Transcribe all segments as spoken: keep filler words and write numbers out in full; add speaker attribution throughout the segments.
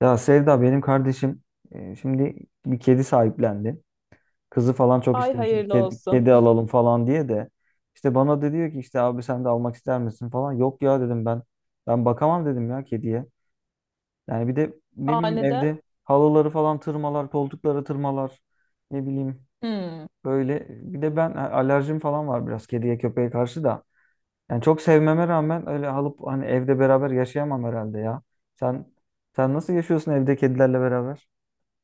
Speaker 1: Ya Sevda benim kardeşim e, şimdi bir kedi sahiplendi. Kızı falan çok
Speaker 2: Ay
Speaker 1: istemiş bir
Speaker 2: hayırlı
Speaker 1: kedi,
Speaker 2: olsun.
Speaker 1: kedi alalım falan diye de işte bana da diyor ki işte abi sen de almak ister misin falan. Yok ya dedim ben. Ben bakamam dedim ya kediye. Yani bir de ne
Speaker 2: Aa,
Speaker 1: bileyim
Speaker 2: neden?
Speaker 1: evde halıları falan tırmalar, koltukları tırmalar. Ne bileyim
Speaker 2: Hmm.
Speaker 1: böyle bir de ben a- alerjim falan var biraz kediye köpeğe karşı da. Yani çok sevmeme rağmen öyle alıp hani evde beraber yaşayamam herhalde ya. Sen sen nasıl yaşıyorsun evde kedilerle beraber?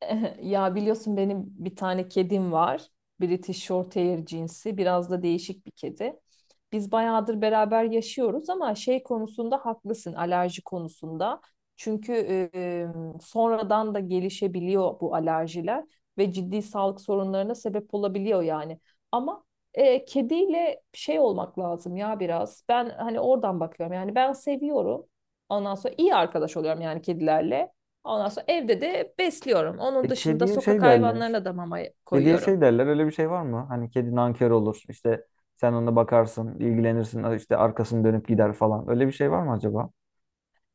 Speaker 2: Ya biliyorsun benim bir tane kedim var. British Shorthair cinsi. Biraz da değişik bir kedi. Biz bayağıdır beraber yaşıyoruz ama şey konusunda haklısın, alerji konusunda. Çünkü e, sonradan da gelişebiliyor bu alerjiler ve ciddi sağlık sorunlarına sebep olabiliyor yani. Ama e, kediyle şey olmak lazım ya biraz. Ben hani oradan bakıyorum. Yani ben seviyorum. Ondan sonra iyi arkadaş oluyorum yani kedilerle. Ondan sonra evde de besliyorum. Onun
Speaker 1: E,
Speaker 2: dışında
Speaker 1: kediye
Speaker 2: sokak
Speaker 1: şey derler.
Speaker 2: hayvanlarına da mama
Speaker 1: Kediye
Speaker 2: koyuyorum.
Speaker 1: şey derler. Öyle bir şey var mı? Hani kedi nankör olur. İşte sen ona bakarsın, ilgilenirsin. İşte arkasını dönüp gider falan. Öyle bir şey var mı acaba?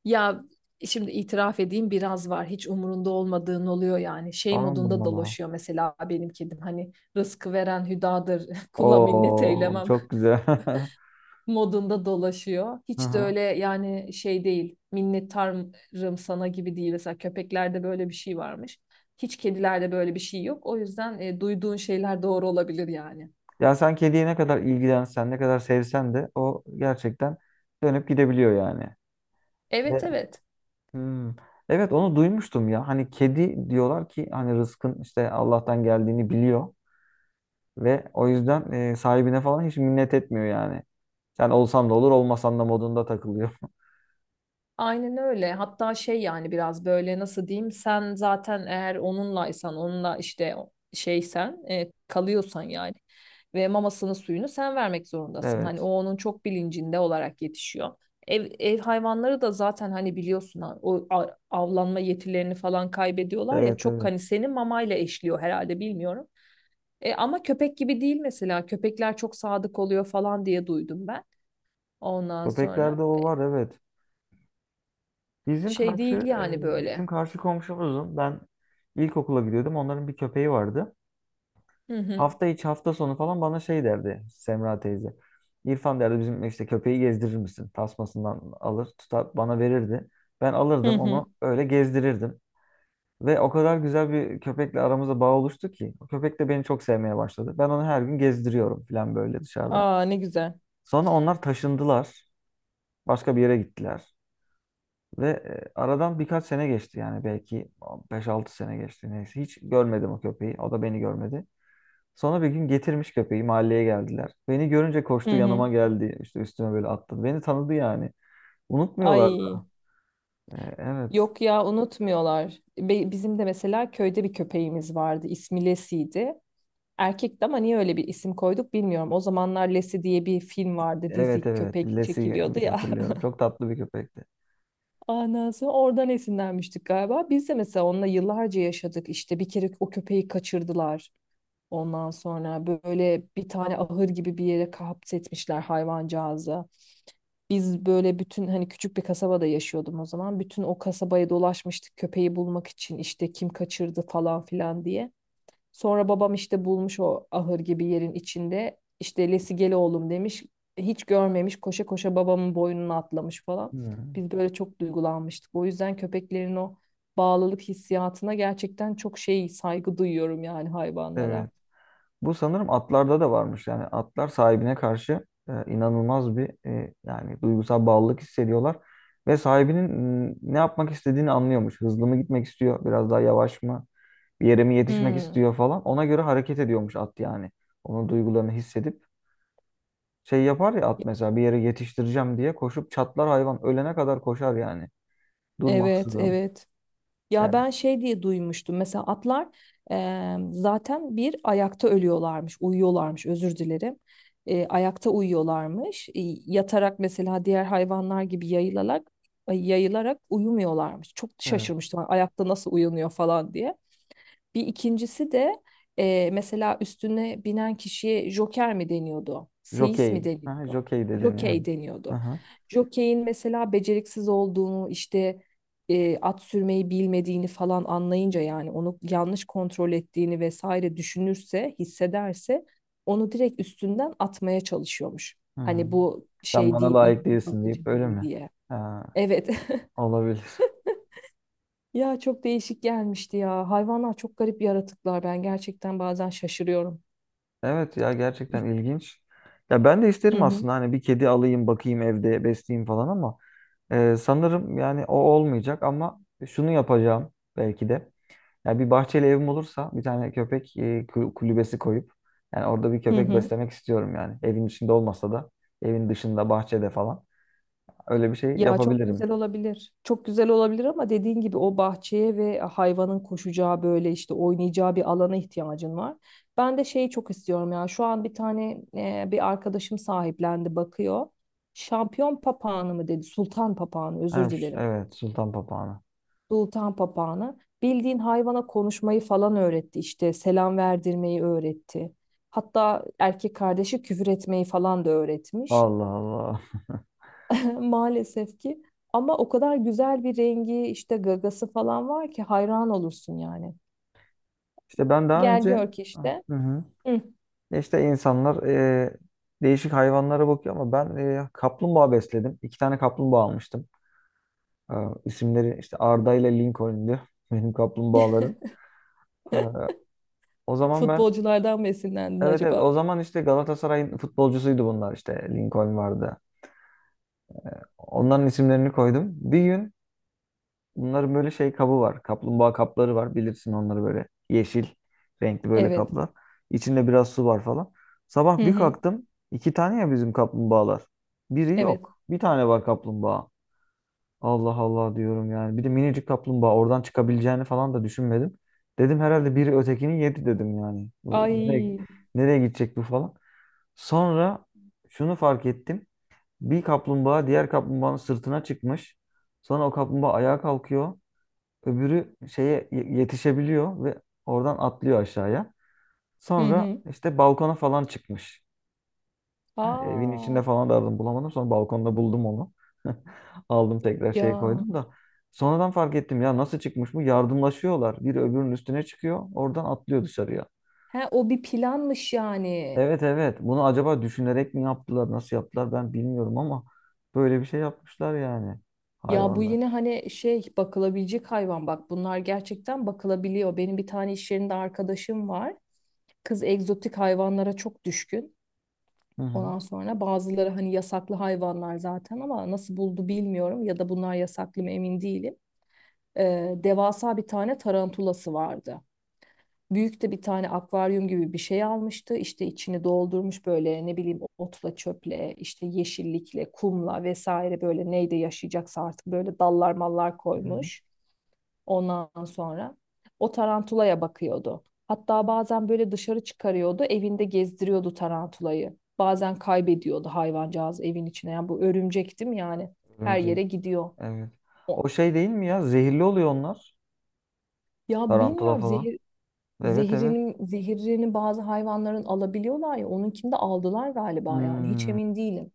Speaker 2: Ya şimdi itiraf edeyim, biraz var. Hiç umurunda olmadığın oluyor yani. Şey
Speaker 1: Allah.
Speaker 2: modunda
Speaker 1: Allah.
Speaker 2: dolaşıyor mesela benim kedim. Hani rızkı veren hüdadır, kula minnet
Speaker 1: Oo,
Speaker 2: eylemem
Speaker 1: çok güzel.
Speaker 2: modunda dolaşıyor.
Speaker 1: Hı
Speaker 2: Hiç de
Speaker 1: hı.
Speaker 2: öyle yani, şey değil. Minnettarım sana gibi değil. Mesela köpeklerde böyle bir şey varmış. Hiç kedilerde böyle bir şey yok. O yüzden e, duyduğun şeyler doğru olabilir yani.
Speaker 1: Ya sen kediye ne kadar ilgilensen, ne kadar sevsen de o gerçekten dönüp gidebiliyor yani.
Speaker 2: Evet,
Speaker 1: Ve-
Speaker 2: evet.
Speaker 1: Hmm. Evet onu duymuştum ya. Hani kedi diyorlar ki hani rızkın işte Allah'tan geldiğini biliyor. Ve o yüzden e, sahibine falan hiç minnet etmiyor yani. Sen olsan da olur, olmasan da modunda takılıyor.
Speaker 2: Aynen öyle. Hatta şey yani biraz böyle, nasıl diyeyim, sen zaten eğer onunlaysan, onunla işte o- şeysen, e, kalıyorsan yani ve mamasını suyunu sen vermek zorundasın. Hani o
Speaker 1: Evet.
Speaker 2: onun çok bilincinde olarak yetişiyor. Ev, ev hayvanları da zaten hani biliyorsun ha, o a- avlanma yetilerini falan kaybediyorlar ya,
Speaker 1: Evet,
Speaker 2: çok
Speaker 1: evet.
Speaker 2: hani senin mamayla eşliyor herhalde, bilmiyorum. E, ama köpek gibi değil, mesela köpekler çok sadık oluyor falan diye duydum ben, ondan sonra.
Speaker 1: Köpeklerde o var, evet. Bizim
Speaker 2: Şey
Speaker 1: karşı
Speaker 2: değil
Speaker 1: e,
Speaker 2: yani
Speaker 1: bizim
Speaker 2: böyle.
Speaker 1: karşı komşumuzun ben ilkokula gidiyordum. Onların bir köpeği vardı.
Speaker 2: Hı hı.
Speaker 1: Hafta içi hafta sonu falan bana şey derdi Semra teyze. İrfan derdi bizim işte köpeği gezdirir misin? Tasmasından alır, tutar bana verirdi. Ben
Speaker 2: Hı
Speaker 1: alırdım
Speaker 2: hı.
Speaker 1: onu öyle gezdirirdim. Ve o kadar güzel bir köpekle aramızda bağ oluştu ki. O köpek de beni çok sevmeye başladı. Ben onu her gün gezdiriyorum falan böyle dışarıda.
Speaker 2: Aa, ne güzel.
Speaker 1: Sonra onlar taşındılar. Başka bir yere gittiler. Ve e, aradan birkaç sene geçti yani belki beş altı sene geçti neyse. Hiç görmedim o köpeği. O da beni görmedi. Sonra bir gün getirmiş köpeği mahalleye geldiler. Beni görünce koştu
Speaker 2: Hı hı.
Speaker 1: yanıma geldi. İşte üstüme böyle attı. Beni tanıdı yani. Unutmuyorlar
Speaker 2: Ay,
Speaker 1: da. E, evet.
Speaker 2: yok ya, unutmuyorlar. Be- bizim de mesela köyde bir köpeğimiz vardı. İsmi Lesi'ydi. Erkekti ama niye öyle bir isim koyduk bilmiyorum. O zamanlar Lesi diye bir film vardı.
Speaker 1: Evet
Speaker 2: Dizi
Speaker 1: evet.
Speaker 2: köpek
Speaker 1: Lesi
Speaker 2: çekiliyordu ya.
Speaker 1: hatırlıyorum. Çok tatlı bir köpekti.
Speaker 2: Anası oradan esinlenmiştik galiba. Biz de mesela onunla yıllarca yaşadık. İşte bir kere o köpeği kaçırdılar. Ondan sonra böyle bir tane ahır gibi bir yere kapsetmişler hayvancağızı. Biz böyle bütün hani küçük bir kasabada yaşıyordum o zaman. Bütün o kasabayı dolaşmıştık köpeği bulmak için, işte kim kaçırdı falan filan diye. Sonra babam işte bulmuş o ahır gibi yerin içinde. İşte Lesi gel oğlum demiş. Hiç görmemiş, koşa koşa babamın boynuna atlamış falan.
Speaker 1: Hmm.
Speaker 2: Biz böyle çok duygulanmıştık. O yüzden köpeklerin o bağlılık hissiyatına gerçekten çok şey saygı duyuyorum yani, hayvanlara.
Speaker 1: Evet. Bu sanırım atlarda da varmış. Yani atlar sahibine karşı e, inanılmaz bir e, yani duygusal bağlılık hissediyorlar ve sahibinin m, ne yapmak istediğini anlıyormuş. Hızlı mı gitmek istiyor, biraz daha yavaş mı, bir yere mi yetişmek
Speaker 2: Hmm,
Speaker 1: istiyor falan. Ona göre hareket ediyormuş at yani. Onun duygularını hissedip şey yapar ya at mesela bir yere yetiştireceğim diye koşup çatlar hayvan ölene kadar koşar yani.
Speaker 2: evet,
Speaker 1: Durmaksızın.
Speaker 2: evet. Ya
Speaker 1: Yani
Speaker 2: ben şey diye duymuştum. Mesela atlar eee, zaten bir ayakta ölüyorlarmış, uyuyorlarmış. Özür dilerim. Eee, ayakta uyuyorlarmış. E, yatarak mesela diğer hayvanlar gibi yayılarak ay- yayılarak uyumuyorlarmış. Çok
Speaker 1: evet.
Speaker 2: şaşırmıştım. Ayakta nasıl uyanıyor falan diye. Bir ikincisi de e, mesela üstüne binen kişiye joker mi deniyordu? Seyis mi
Speaker 1: Jokey. Ha,
Speaker 2: deniyordu?
Speaker 1: jokey dedin yani.
Speaker 2: Jokey deniyordu.
Speaker 1: Aha.
Speaker 2: Jokey'in mesela beceriksiz olduğunu, işte e, at sürmeyi bilmediğini falan anlayınca, yani onu yanlış kontrol ettiğini vesaire düşünürse, hissederse, onu direkt üstünden atmaya çalışıyormuş. Hani
Speaker 1: Hmm.
Speaker 2: bu
Speaker 1: Sen
Speaker 2: şey
Speaker 1: bana
Speaker 2: değil,
Speaker 1: layık
Speaker 2: iyi bir
Speaker 1: değilsin
Speaker 2: bakıcı
Speaker 1: deyip öyle
Speaker 2: değil
Speaker 1: mi?
Speaker 2: diye.
Speaker 1: Ha,
Speaker 2: Evet.
Speaker 1: olabilir.
Speaker 2: Ya çok değişik gelmişti ya. Hayvanlar çok garip yaratıklar. Ben gerçekten bazen şaşırıyorum.
Speaker 1: Evet ya gerçekten ilginç. Ya ben de
Speaker 2: Hı
Speaker 1: isterim
Speaker 2: hı.
Speaker 1: aslında hani bir kedi alayım bakayım evde besleyeyim falan ama e, sanırım yani o olmayacak ama şunu yapacağım belki de. Ya bir bahçeli evim olursa bir tane köpek e, kul- kulübesi koyup yani orada bir
Speaker 2: Hı
Speaker 1: köpek
Speaker 2: hı.
Speaker 1: beslemek istiyorum yani. Evin içinde olmasa da evin dışında bahçede falan. Öyle bir şey
Speaker 2: Ya çok
Speaker 1: yapabilirim.
Speaker 2: güzel olabilir. Çok güzel olabilir ama dediğin gibi o bahçeye ve hayvanın koşacağı böyle işte oynayacağı bir alana ihtiyacın var. Ben de şeyi çok istiyorum ya. Şu an bir tane e, bir arkadaşım sahiplendi, bakıyor. Şampiyon papağanı mı dedi? Sultan papağanı,
Speaker 1: Ha,
Speaker 2: özür
Speaker 1: ş-
Speaker 2: dilerim.
Speaker 1: evet, sultan papağanı.
Speaker 2: Sultan papağanı bildiğin hayvana konuşmayı falan öğretti, işte selam verdirmeyi öğretti. Hatta erkek kardeşi küfür etmeyi falan da öğretmiş
Speaker 1: Allah Allah.
Speaker 2: maalesef ki. Ama o kadar güzel bir rengi işte, gagası falan var ki hayran olursun yani.
Speaker 1: İşte ben daha
Speaker 2: Gel
Speaker 1: önce
Speaker 2: gör ki
Speaker 1: ah,
Speaker 2: işte
Speaker 1: Hı hı.
Speaker 2: hı,
Speaker 1: İşte insanlar e, değişik hayvanlara bakıyor ama ben e, kaplumbağa besledim. İki tane kaplumbağa almıştım. E, isimleri işte Arda ile Lincoln'du benim kaplumbağaların. E, o zaman ben
Speaker 2: futbolculardan mı esinlendin
Speaker 1: Evet evet o
Speaker 2: acaba?
Speaker 1: zaman işte Galatasaray'ın futbolcusuydu bunlar işte Lincoln vardı. Onların isimlerini koydum. Bir gün bunların böyle şey kabı var. Kaplumbağa kapları var. Bilirsin onları böyle yeşil renkli böyle
Speaker 2: Evet.
Speaker 1: kaplar. İçinde biraz su var falan.
Speaker 2: Hı
Speaker 1: Sabah bir
Speaker 2: hı.
Speaker 1: kalktım. İki tane ya bizim kaplumbağalar. Biri
Speaker 2: Evet.
Speaker 1: yok. Bir tane var kaplumbağa. Allah Allah diyorum yani. Bir de minicik kaplumbağa oradan çıkabileceğini falan da düşünmedim. Dedim herhalde biri ötekini yedi dedim yani. Bu nereye,
Speaker 2: Ay.
Speaker 1: nereye gidecek bu falan. Sonra şunu fark ettim. Bir kaplumbağa diğer kaplumbağanın sırtına çıkmış. Sonra o kaplumbağa ayağa kalkıyor. Öbürü şeye ye- yetişebiliyor ve oradan atlıyor aşağıya.
Speaker 2: Hı
Speaker 1: Sonra
Speaker 2: hı.
Speaker 1: işte balkona falan çıkmış. Yani evin
Speaker 2: Aa.
Speaker 1: içinde falan da aradım bulamadım. Sonra balkonda buldum onu. Aldım tekrar şeye
Speaker 2: Ya.
Speaker 1: koydum da. Sonradan fark ettim ya nasıl çıkmış bu? Yardımlaşıyorlar. Biri öbürünün üstüne çıkıyor. Oradan atlıyor dışarıya.
Speaker 2: He, o bir planmış yani.
Speaker 1: Evet evet. Bunu acaba düşünerek mi yaptılar, nasıl yaptılar ben bilmiyorum ama böyle bir şey yapmışlar yani
Speaker 2: Ya bu
Speaker 1: hayvanlar.
Speaker 2: yine hani şey, bakılabilecek hayvan, bak bunlar gerçekten bakılabiliyor. Benim bir tane iş yerinde arkadaşım var. Kız egzotik hayvanlara çok düşkün.
Speaker 1: Hı hı.
Speaker 2: Ondan sonra bazıları hani yasaklı hayvanlar zaten, ama nasıl buldu bilmiyorum, ya da bunlar yasaklı mı emin değilim. Ee, devasa bir tane tarantulası vardı. Büyük de bir tane akvaryum gibi bir şey almıştı. İşte içini doldurmuş böyle, ne bileyim, otla, çöple, işte yeşillikle, kumla vesaire, böyle neyde yaşayacaksa artık, böyle dallar mallar
Speaker 1: Hı hı.
Speaker 2: koymuş. Ondan sonra o tarantulaya bakıyordu. Hatta bazen böyle dışarı çıkarıyordu, evinde gezdiriyordu tarantulayı. Bazen kaybediyordu hayvancağız evin içine. Yani bu örümcek değil mi yani? Her
Speaker 1: Örümcek.
Speaker 2: yere gidiyor.
Speaker 1: Evet. O
Speaker 2: O.
Speaker 1: şey değil mi ya? Zehirli oluyor onlar.
Speaker 2: Ya
Speaker 1: Tarantula
Speaker 2: bilmiyorum,
Speaker 1: falan.
Speaker 2: zehir
Speaker 1: Evet evet.
Speaker 2: zehrini, zehirini bazı hayvanların alabiliyorlar ya, onunkini de aldılar galiba, yani hiç
Speaker 1: Hmm.
Speaker 2: emin değilim.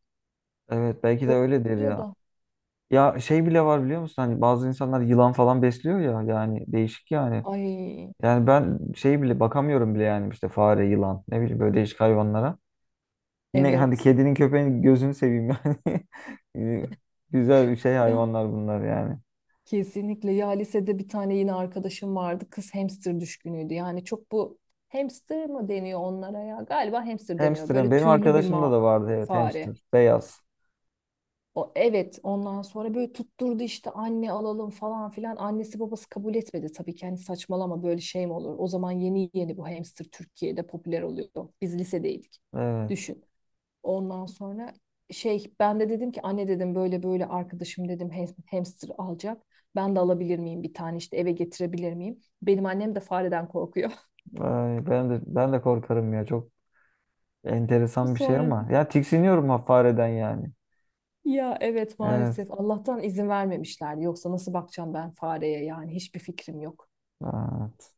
Speaker 1: Evet belki de öyledir
Speaker 2: Öyle
Speaker 1: ya.
Speaker 2: da.
Speaker 1: Ya şey bile var biliyor musun? Hani bazı insanlar yılan falan besliyor ya. Yani değişik yani.
Speaker 2: Ay,
Speaker 1: Yani ben şey bile bakamıyorum bile yani işte fare, yılan ne bileyim böyle değişik hayvanlara. Yine hadi
Speaker 2: evet.
Speaker 1: kedinin köpeğin gözünü seveyim yani. Ee, güzel bir şey
Speaker 2: Ya
Speaker 1: hayvanlar bunlar yani.
Speaker 2: kesinlikle ya, lisede bir tane yine arkadaşım vardı, kız hamster düşkünüydü yani, çok bu hamster mı deniyor onlara ya, galiba hamster deniyor,
Speaker 1: Hamster'ın
Speaker 2: böyle
Speaker 1: benim
Speaker 2: tüylü bir
Speaker 1: arkadaşımda
Speaker 2: ma
Speaker 1: da vardı evet hamster
Speaker 2: fare.
Speaker 1: beyaz.
Speaker 2: O, evet, ondan sonra böyle tutturdu işte, anne alalım falan filan. Annesi babası kabul etmedi tabii ki, hani saçmalama, böyle şey mi olur. O zaman yeni yeni bu hamster Türkiye'de popüler oluyor. Biz lisedeydik,
Speaker 1: Evet.
Speaker 2: düşün. Ondan sonra şey, ben de dedim ki anne, dedim böyle böyle arkadaşım, dedim ham- hamster alacak. Ben de alabilir miyim bir tane, işte eve getirebilir miyim? Benim annem de fareden korkuyor.
Speaker 1: Ay, ben de ben de korkarım ya çok enteresan bir şey
Speaker 2: Sonra
Speaker 1: ama
Speaker 2: dedim,
Speaker 1: ya tiksiniyorum ha fareden yani.
Speaker 2: ya evet,
Speaker 1: Evet.
Speaker 2: maalesef Allah'tan izin vermemişler. Yoksa nasıl bakacağım ben fareye, yani hiçbir fikrim yok.
Speaker 1: Evet.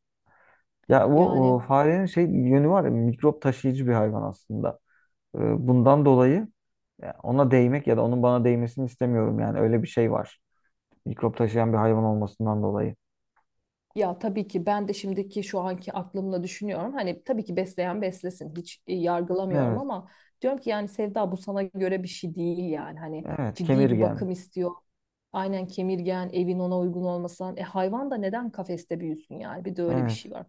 Speaker 1: Ya o, o
Speaker 2: Yani.
Speaker 1: farenin şey yönü var ya mikrop taşıyıcı bir hayvan aslında. Ee, Bundan dolayı ya ona değmek ya da onun bana değmesini istemiyorum yani öyle bir şey var. Mikrop taşıyan bir hayvan olmasından dolayı.
Speaker 2: Ya tabii ki ben de şimdiki şu anki aklımla düşünüyorum. Hani tabii ki besleyen beslesin. Hiç e, yargılamıyorum
Speaker 1: Evet.
Speaker 2: ama diyorum ki yani Sevda, bu sana göre bir şey değil yani. Hani
Speaker 1: Evet,
Speaker 2: ciddi bir
Speaker 1: kemirgen.
Speaker 2: bakım istiyor. Aynen, kemirgen, evin ona uygun olmasan. E hayvan da neden kafeste büyüsün yani? Bir de öyle bir şey
Speaker 1: Evet.
Speaker 2: var.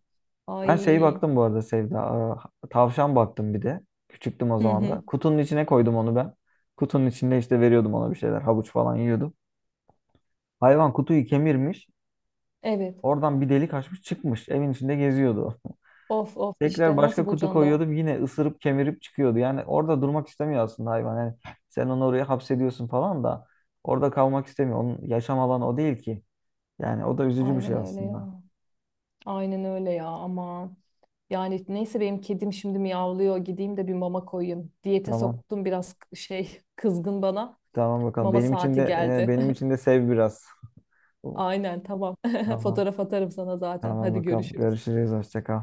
Speaker 1: Ben şeyi
Speaker 2: Ay.
Speaker 1: baktım bu arada Sevda. aa, Tavşan baktım bir de. Küçüktüm o
Speaker 2: Hı
Speaker 1: zaman da.
Speaker 2: hı.
Speaker 1: Kutunun içine koydum onu ben. Kutunun içinde işte veriyordum ona bir şeyler. Havuç falan yiyordum. Hayvan kutuyu kemirmiş.
Speaker 2: Evet.
Speaker 1: Oradan bir delik açmış çıkmış. Evin içinde geziyordu.
Speaker 2: Of of,
Speaker 1: Tekrar
Speaker 2: işte
Speaker 1: başka
Speaker 2: nasıl
Speaker 1: kutu
Speaker 2: bulacaksın da?
Speaker 1: koyuyordum. Yine ısırıp kemirip çıkıyordu. Yani orada durmak istemiyor aslında hayvan. Yani sen onu oraya hapsediyorsun falan da orada kalmak istemiyor. Onun yaşam alanı o değil ki. Yani o da üzücü bir şey
Speaker 2: Aynen öyle
Speaker 1: aslında.
Speaker 2: ya. Aynen öyle ya, ama yani neyse, benim kedim şimdi miyavlıyor, gideyim de bir mama koyayım. Diyete
Speaker 1: Tamam.
Speaker 2: soktum biraz, şey kızgın bana.
Speaker 1: Tamam bakalım.
Speaker 2: Mama
Speaker 1: Benim için
Speaker 2: saati
Speaker 1: de e,
Speaker 2: geldi.
Speaker 1: benim için de sev biraz.
Speaker 2: Aynen, tamam.
Speaker 1: Tamam.
Speaker 2: Fotoğraf atarım sana zaten.
Speaker 1: Tamam
Speaker 2: Hadi
Speaker 1: bakalım.
Speaker 2: görüşürüz.
Speaker 1: Görüşürüz. Hoşça kal.